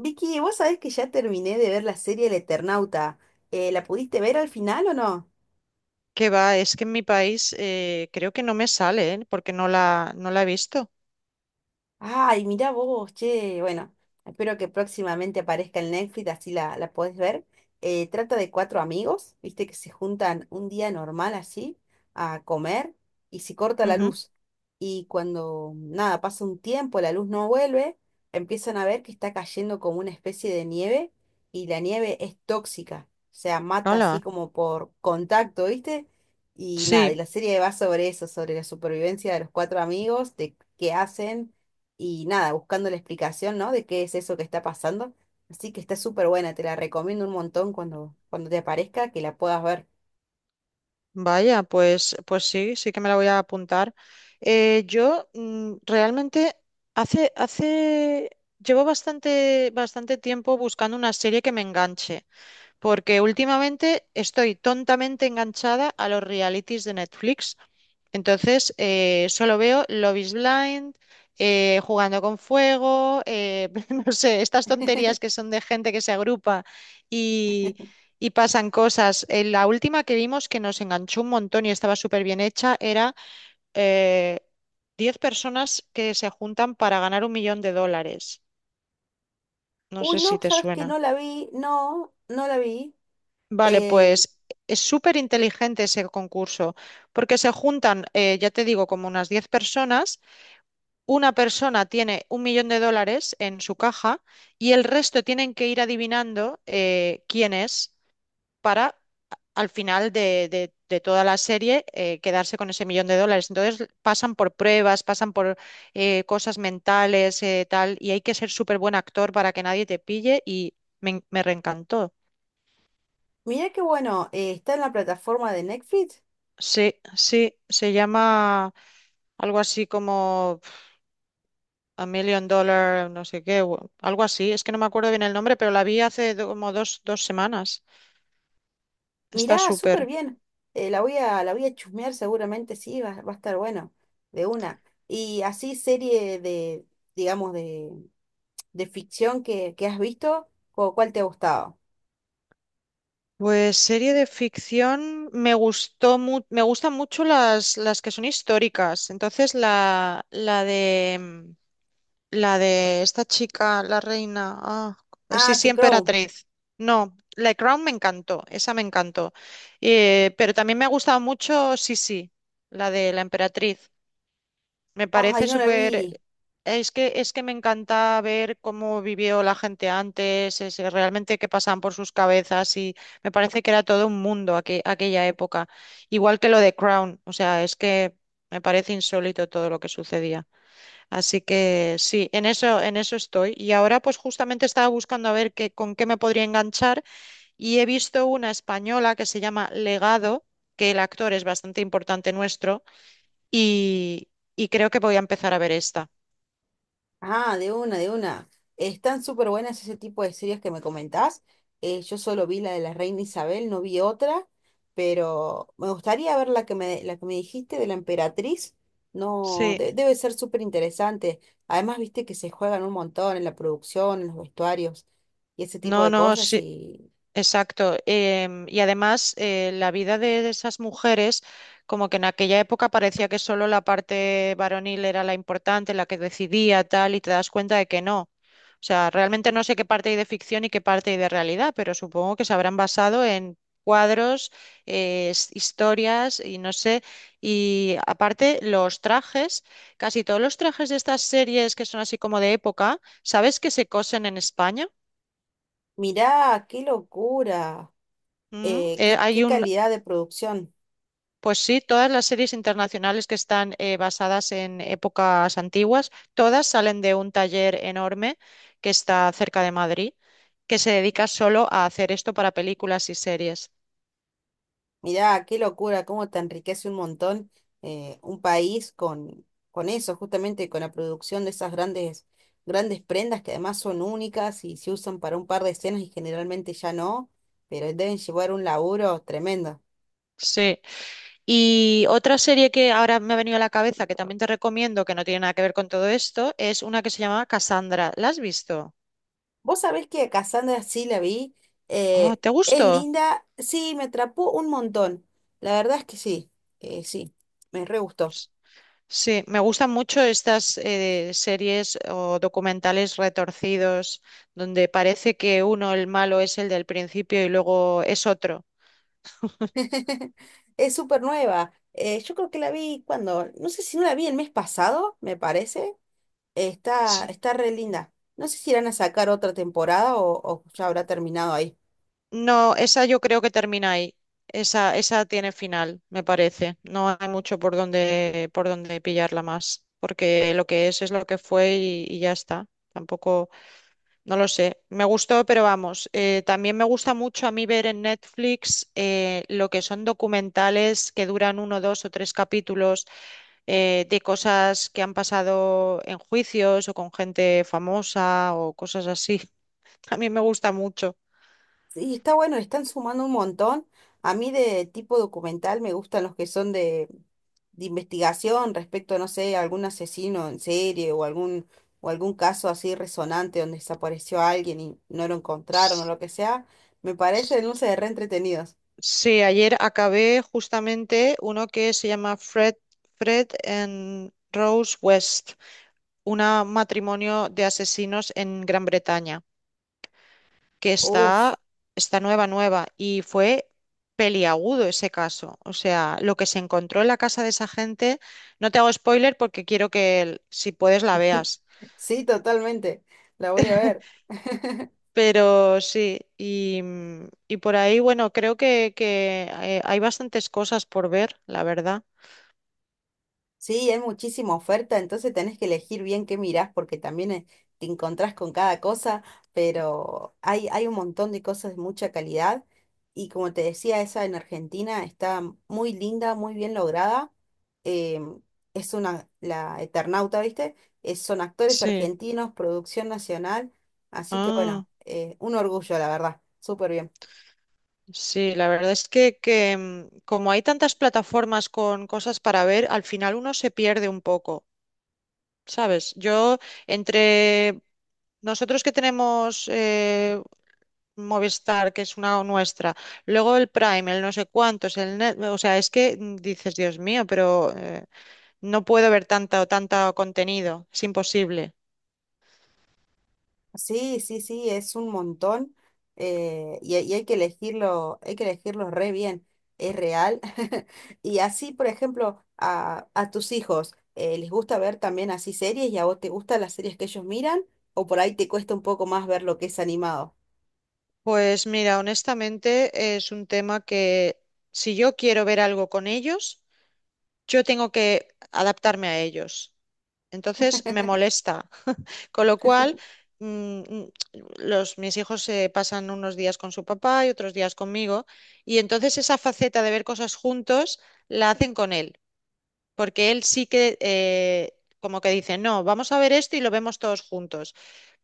Vicky, vos sabés que ya terminé de ver la serie El Eternauta. ¿la pudiste ver al final o no? Que va, es que en mi país creo que no me sale, ¿eh? Porque no la he visto. Ay, mirá vos, che, bueno, espero que próximamente aparezca en Netflix, así la podés ver. Trata de cuatro amigos, viste, que se juntan un día normal así a comer y se corta la Ujú. luz. Y cuando, nada, pasa un tiempo, la luz no vuelve, empiezan a ver que está cayendo como una especie de nieve y la nieve es tóxica, o sea, mata así Hala. como por contacto, viste. Y nada, y Sí, la serie va sobre eso, sobre la supervivencia de los cuatro amigos, de qué hacen y nada, buscando la explicación, ¿no? De qué es eso que está pasando. Así que está súper buena, te la recomiendo un montón cuando, cuando te aparezca, que la puedas ver. vaya, pues sí, sí que me la voy a apuntar. Yo realmente hace, hace, llevo bastante tiempo buscando una serie que me enganche, porque últimamente estoy tontamente enganchada a los realities de Netflix. Entonces, solo veo Love is Blind, jugando con fuego, no sé, estas tonterías que son de gente que se agrupa y, y pasan cosas. La última que vimos que nos enganchó un montón y estaba súper bien hecha era eh, 10 personas que se juntan para ganar un millón de dólares. No Uy, sé no, si te sabes que suena. no la vi, no, no la vi. Vale, Eh, pues es súper inteligente ese concurso, porque se juntan, ya te digo, como unas 10 personas. Una persona tiene un millón de dólares en su caja y el resto tienen que ir adivinando quién es para, al final de toda la serie, quedarse con ese millón de dólares. Entonces pasan por pruebas, pasan por cosas mentales, tal, y hay que ser súper buen actor para que nadie te pille y me reencantó. Mirá qué bueno, está en la plataforma de Netflix. Sí, sí, se llama algo así como A Million Dollar, no sé qué, o algo así. Es que no me acuerdo bien el nombre, pero la vi hace como dos semanas. Está Mirá, súper. súper bien. La voy a chusmear seguramente, sí, va, va a estar bueno, de una. Y así serie de, digamos, de ficción que has visto, ¿cuál te ha gustado? Pues serie de ficción me gustan mucho las que son históricas. Entonces la de esta chica, la reina, ah, sí, Ah, sí, The Crown. emperatriz. No, La Crown me encantó, esa me encantó. Pero también me ha gustado mucho, sí, sí, la de la emperatriz. Me Ay, parece no la súper. vi. Es que me encanta ver cómo vivió la gente antes, realmente qué pasaban por sus cabezas, y me parece que era todo un mundo, aquella época. Igual que lo de Crown, o sea, es que me parece insólito todo lo que sucedía. Así que sí, en eso estoy. Y ahora pues justamente estaba buscando a ver con qué me podría enganchar, y he visto una española que se llama Legado, que el actor es bastante importante nuestro, y, y creo que voy a empezar a ver esta. Ah, de una, de una. Están súper buenas ese tipo de series que me comentás. Yo solo vi la de la Reina Isabel, no vi otra, pero me gustaría ver la que me dijiste de la Emperatriz. No, Sí. Debe ser súper interesante. Además, viste que se juegan un montón en la producción, en los vestuarios y ese tipo No, de no, cosas. sí. Y Exacto. Y además, la vida de esas mujeres, como que en aquella época parecía que solo la parte varonil era la importante, la que decidía, tal, y te das cuenta de que no. O sea, realmente no sé qué parte hay de ficción y qué parte hay de realidad, pero supongo que se habrán basado en cuadros, historias y no sé. Y aparte, los trajes, casi todos los trajes de estas series que son así como de época, ¿sabes que se cosen en España? mirá, qué locura, Mm, eh, qué, hay qué un. calidad de producción. Pues sí, todas las series internacionales que están basadas en épocas antiguas, todas salen de un taller enorme que está cerca de Madrid, que se dedica solo a hacer esto para películas y series. Mirá, qué locura, cómo te enriquece un montón un país con eso, justamente con la producción de esas grandes, grandes prendas que además son únicas y se usan para un par de escenas y generalmente ya no, pero deben llevar un laburo tremendo. Sí. Y otra serie que ahora me ha venido a la cabeza, que también te recomiendo, que no tiene nada que ver con todo esto, es una que se llama Cassandra. ¿La has visto? Vos sabés que a Cassandra sí la vi, Oh, ¿te es gustó? linda, sí, me atrapó un montón, la verdad es que sí, sí, me re gustó. Sí, me gustan mucho estas series o documentales retorcidos donde parece que uno, el malo, es el del principio y luego es otro. Es súper nueva. Yo creo que la vi cuando, no sé si no la vi el mes pasado, me parece. Está, S- está re linda. No sé si irán a sacar otra temporada o ya habrá terminado ahí. No, esa yo creo que termina ahí. Esa tiene final, me parece. No hay mucho por donde pillarla más, porque lo que es lo que fue, y ya está. Tampoco. No lo sé, me gustó, pero vamos, también me gusta mucho a mí ver en Netflix lo que son documentales que duran uno, dos o tres capítulos, de cosas que han pasado en juicios o con gente famosa o cosas así. A mí me gusta mucho. Sí, está bueno, le están sumando un montón. A mí de tipo documental me gustan los que son de investigación respecto, no sé, a algún asesino en serie o o algún caso así resonante donde desapareció alguien y no lo encontraron o S- lo que sea. Me s- parecen, no sé, re entretenidos. Sí, ayer acabé justamente uno que se llama Fred, Fred and Rose West, un matrimonio de asesinos en Gran Bretaña, que Uf. Está nueva, nueva, y fue peliagudo ese caso. O sea, lo que se encontró en la casa de esa gente, no te hago spoiler porque quiero que, si puedes, la veas. Sí, totalmente. La voy a ver. Pero sí, y, y por ahí, bueno, creo hay bastantes cosas por ver, la verdad. Sí, hay muchísima oferta, entonces tenés que elegir bien qué mirás porque también te encontrás con cada cosa, pero hay un montón de cosas de mucha calidad y como te decía, esa en Argentina está muy linda, muy bien lograda. em, es una, la Eternauta, ¿viste? Son actores Sí. argentinos, producción nacional, así que Ah, bueno, un orgullo, la verdad, súper bien. sí, la verdad es que, como hay tantas plataformas con cosas para ver, al final uno se pierde un poco, ¿sabes? Yo, entre nosotros, que tenemos Movistar, que es una nuestra, luego el Prime, el no sé cuántos, el o sea, es que, dices, Dios mío, pero no puedo ver tanta o tanto contenido, es imposible. Sí, sí, sí, es un montón y hay que elegirlo re bien, es real. Y así, por ejemplo, a tus hijos, ¿les gusta ver también así series y a vos te gustan las series que ellos miran? ¿O por ahí te cuesta un poco más ver lo que es animado? Pues mira, honestamente es un tema que, si yo quiero ver algo con ellos, yo tengo que adaptarme a ellos. Entonces me molesta. Con lo cual, mm, mm, mis hijos se pasan unos días con su papá y otros días conmigo, y entonces esa faceta de ver cosas juntos la hacen con él, porque él sí que, como que dice, no, vamos a ver esto y lo vemos todos juntos,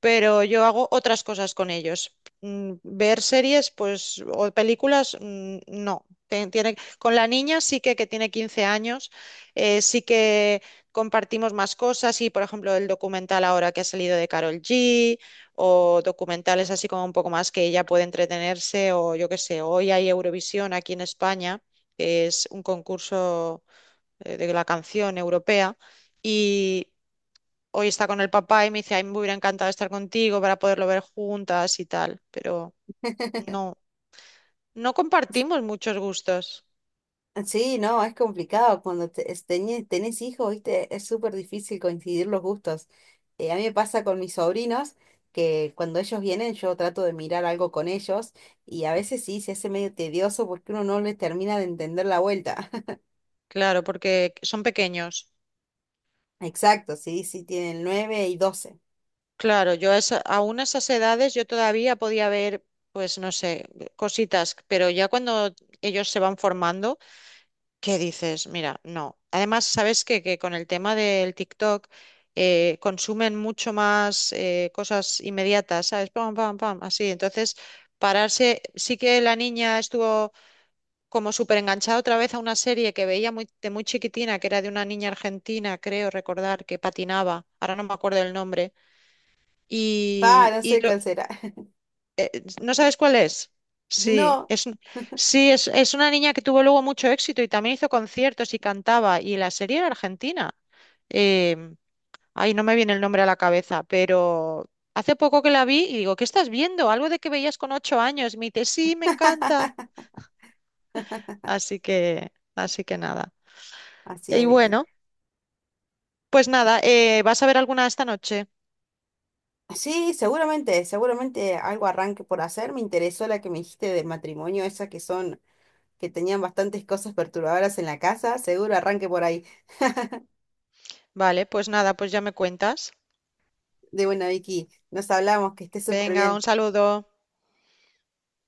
pero yo hago otras cosas con ellos. Ver series, pues, o películas, no. Tiene, con la niña sí que tiene 15 años, sí que compartimos más cosas y, por ejemplo, el documental ahora que ha salido de Carol G, o documentales así como un poco más que ella puede entretenerse, o yo qué sé. Hoy hay Eurovisión aquí en España, que es un concurso, de la canción europea, y hoy está con el papá y me dice, ay, me hubiera encantado estar contigo para poderlo ver juntas y tal, pero no, no compartimos muchos gustos, Sí, no, es complicado. Cuando tenés hijos, viste, es súper difícil coincidir los gustos. A mí me pasa con mis sobrinos que cuando ellos vienen yo trato de mirar algo con ellos y a veces sí se hace medio tedioso porque uno no les termina de entender la vuelta. claro, porque son pequeños. Exacto, sí, sí tienen nueve y 12. Claro, yo a aún a esas edades yo todavía podía ver, pues no sé, cositas, pero ya cuando ellos se van formando. ¿Qué dices? Mira, no. Además, sabes que, con el tema del TikTok, consumen mucho más, cosas inmediatas, ¿sabes? Pam, pam, pam, así. Entonces, pararse, sí que la niña estuvo como súper enganchada otra vez a una serie que veía de muy chiquitina, que era de una niña argentina, creo recordar, que patinaba, ahora no me acuerdo el nombre. Ah, Y, no y sé lo- cuál será. eh, ¿No sabes cuál es? Sí, No. es, un- sí es una niña que tuvo luego mucho éxito y también hizo conciertos y cantaba. Y la serie era argentina. Em, Ay, no me viene el nombre a la cabeza, pero hace poco que la vi y digo, ¿qué estás viendo? Algo de que veías con 8 años. Y me dice, sí, me encanta. Así que nada. Así Y es, Vicky. bueno, pues nada, ¿vas a ver alguna esta noche? Sí, seguramente, seguramente algo arranque por hacer. Me interesó la que me dijiste del matrimonio, esa que son que tenían bastantes cosas perturbadoras en la casa, seguro arranque por ahí. Vale, pues nada, pues ya me cuentas. De buena, Vicky, nos hablamos, que estés súper Venga, un bien. saludo.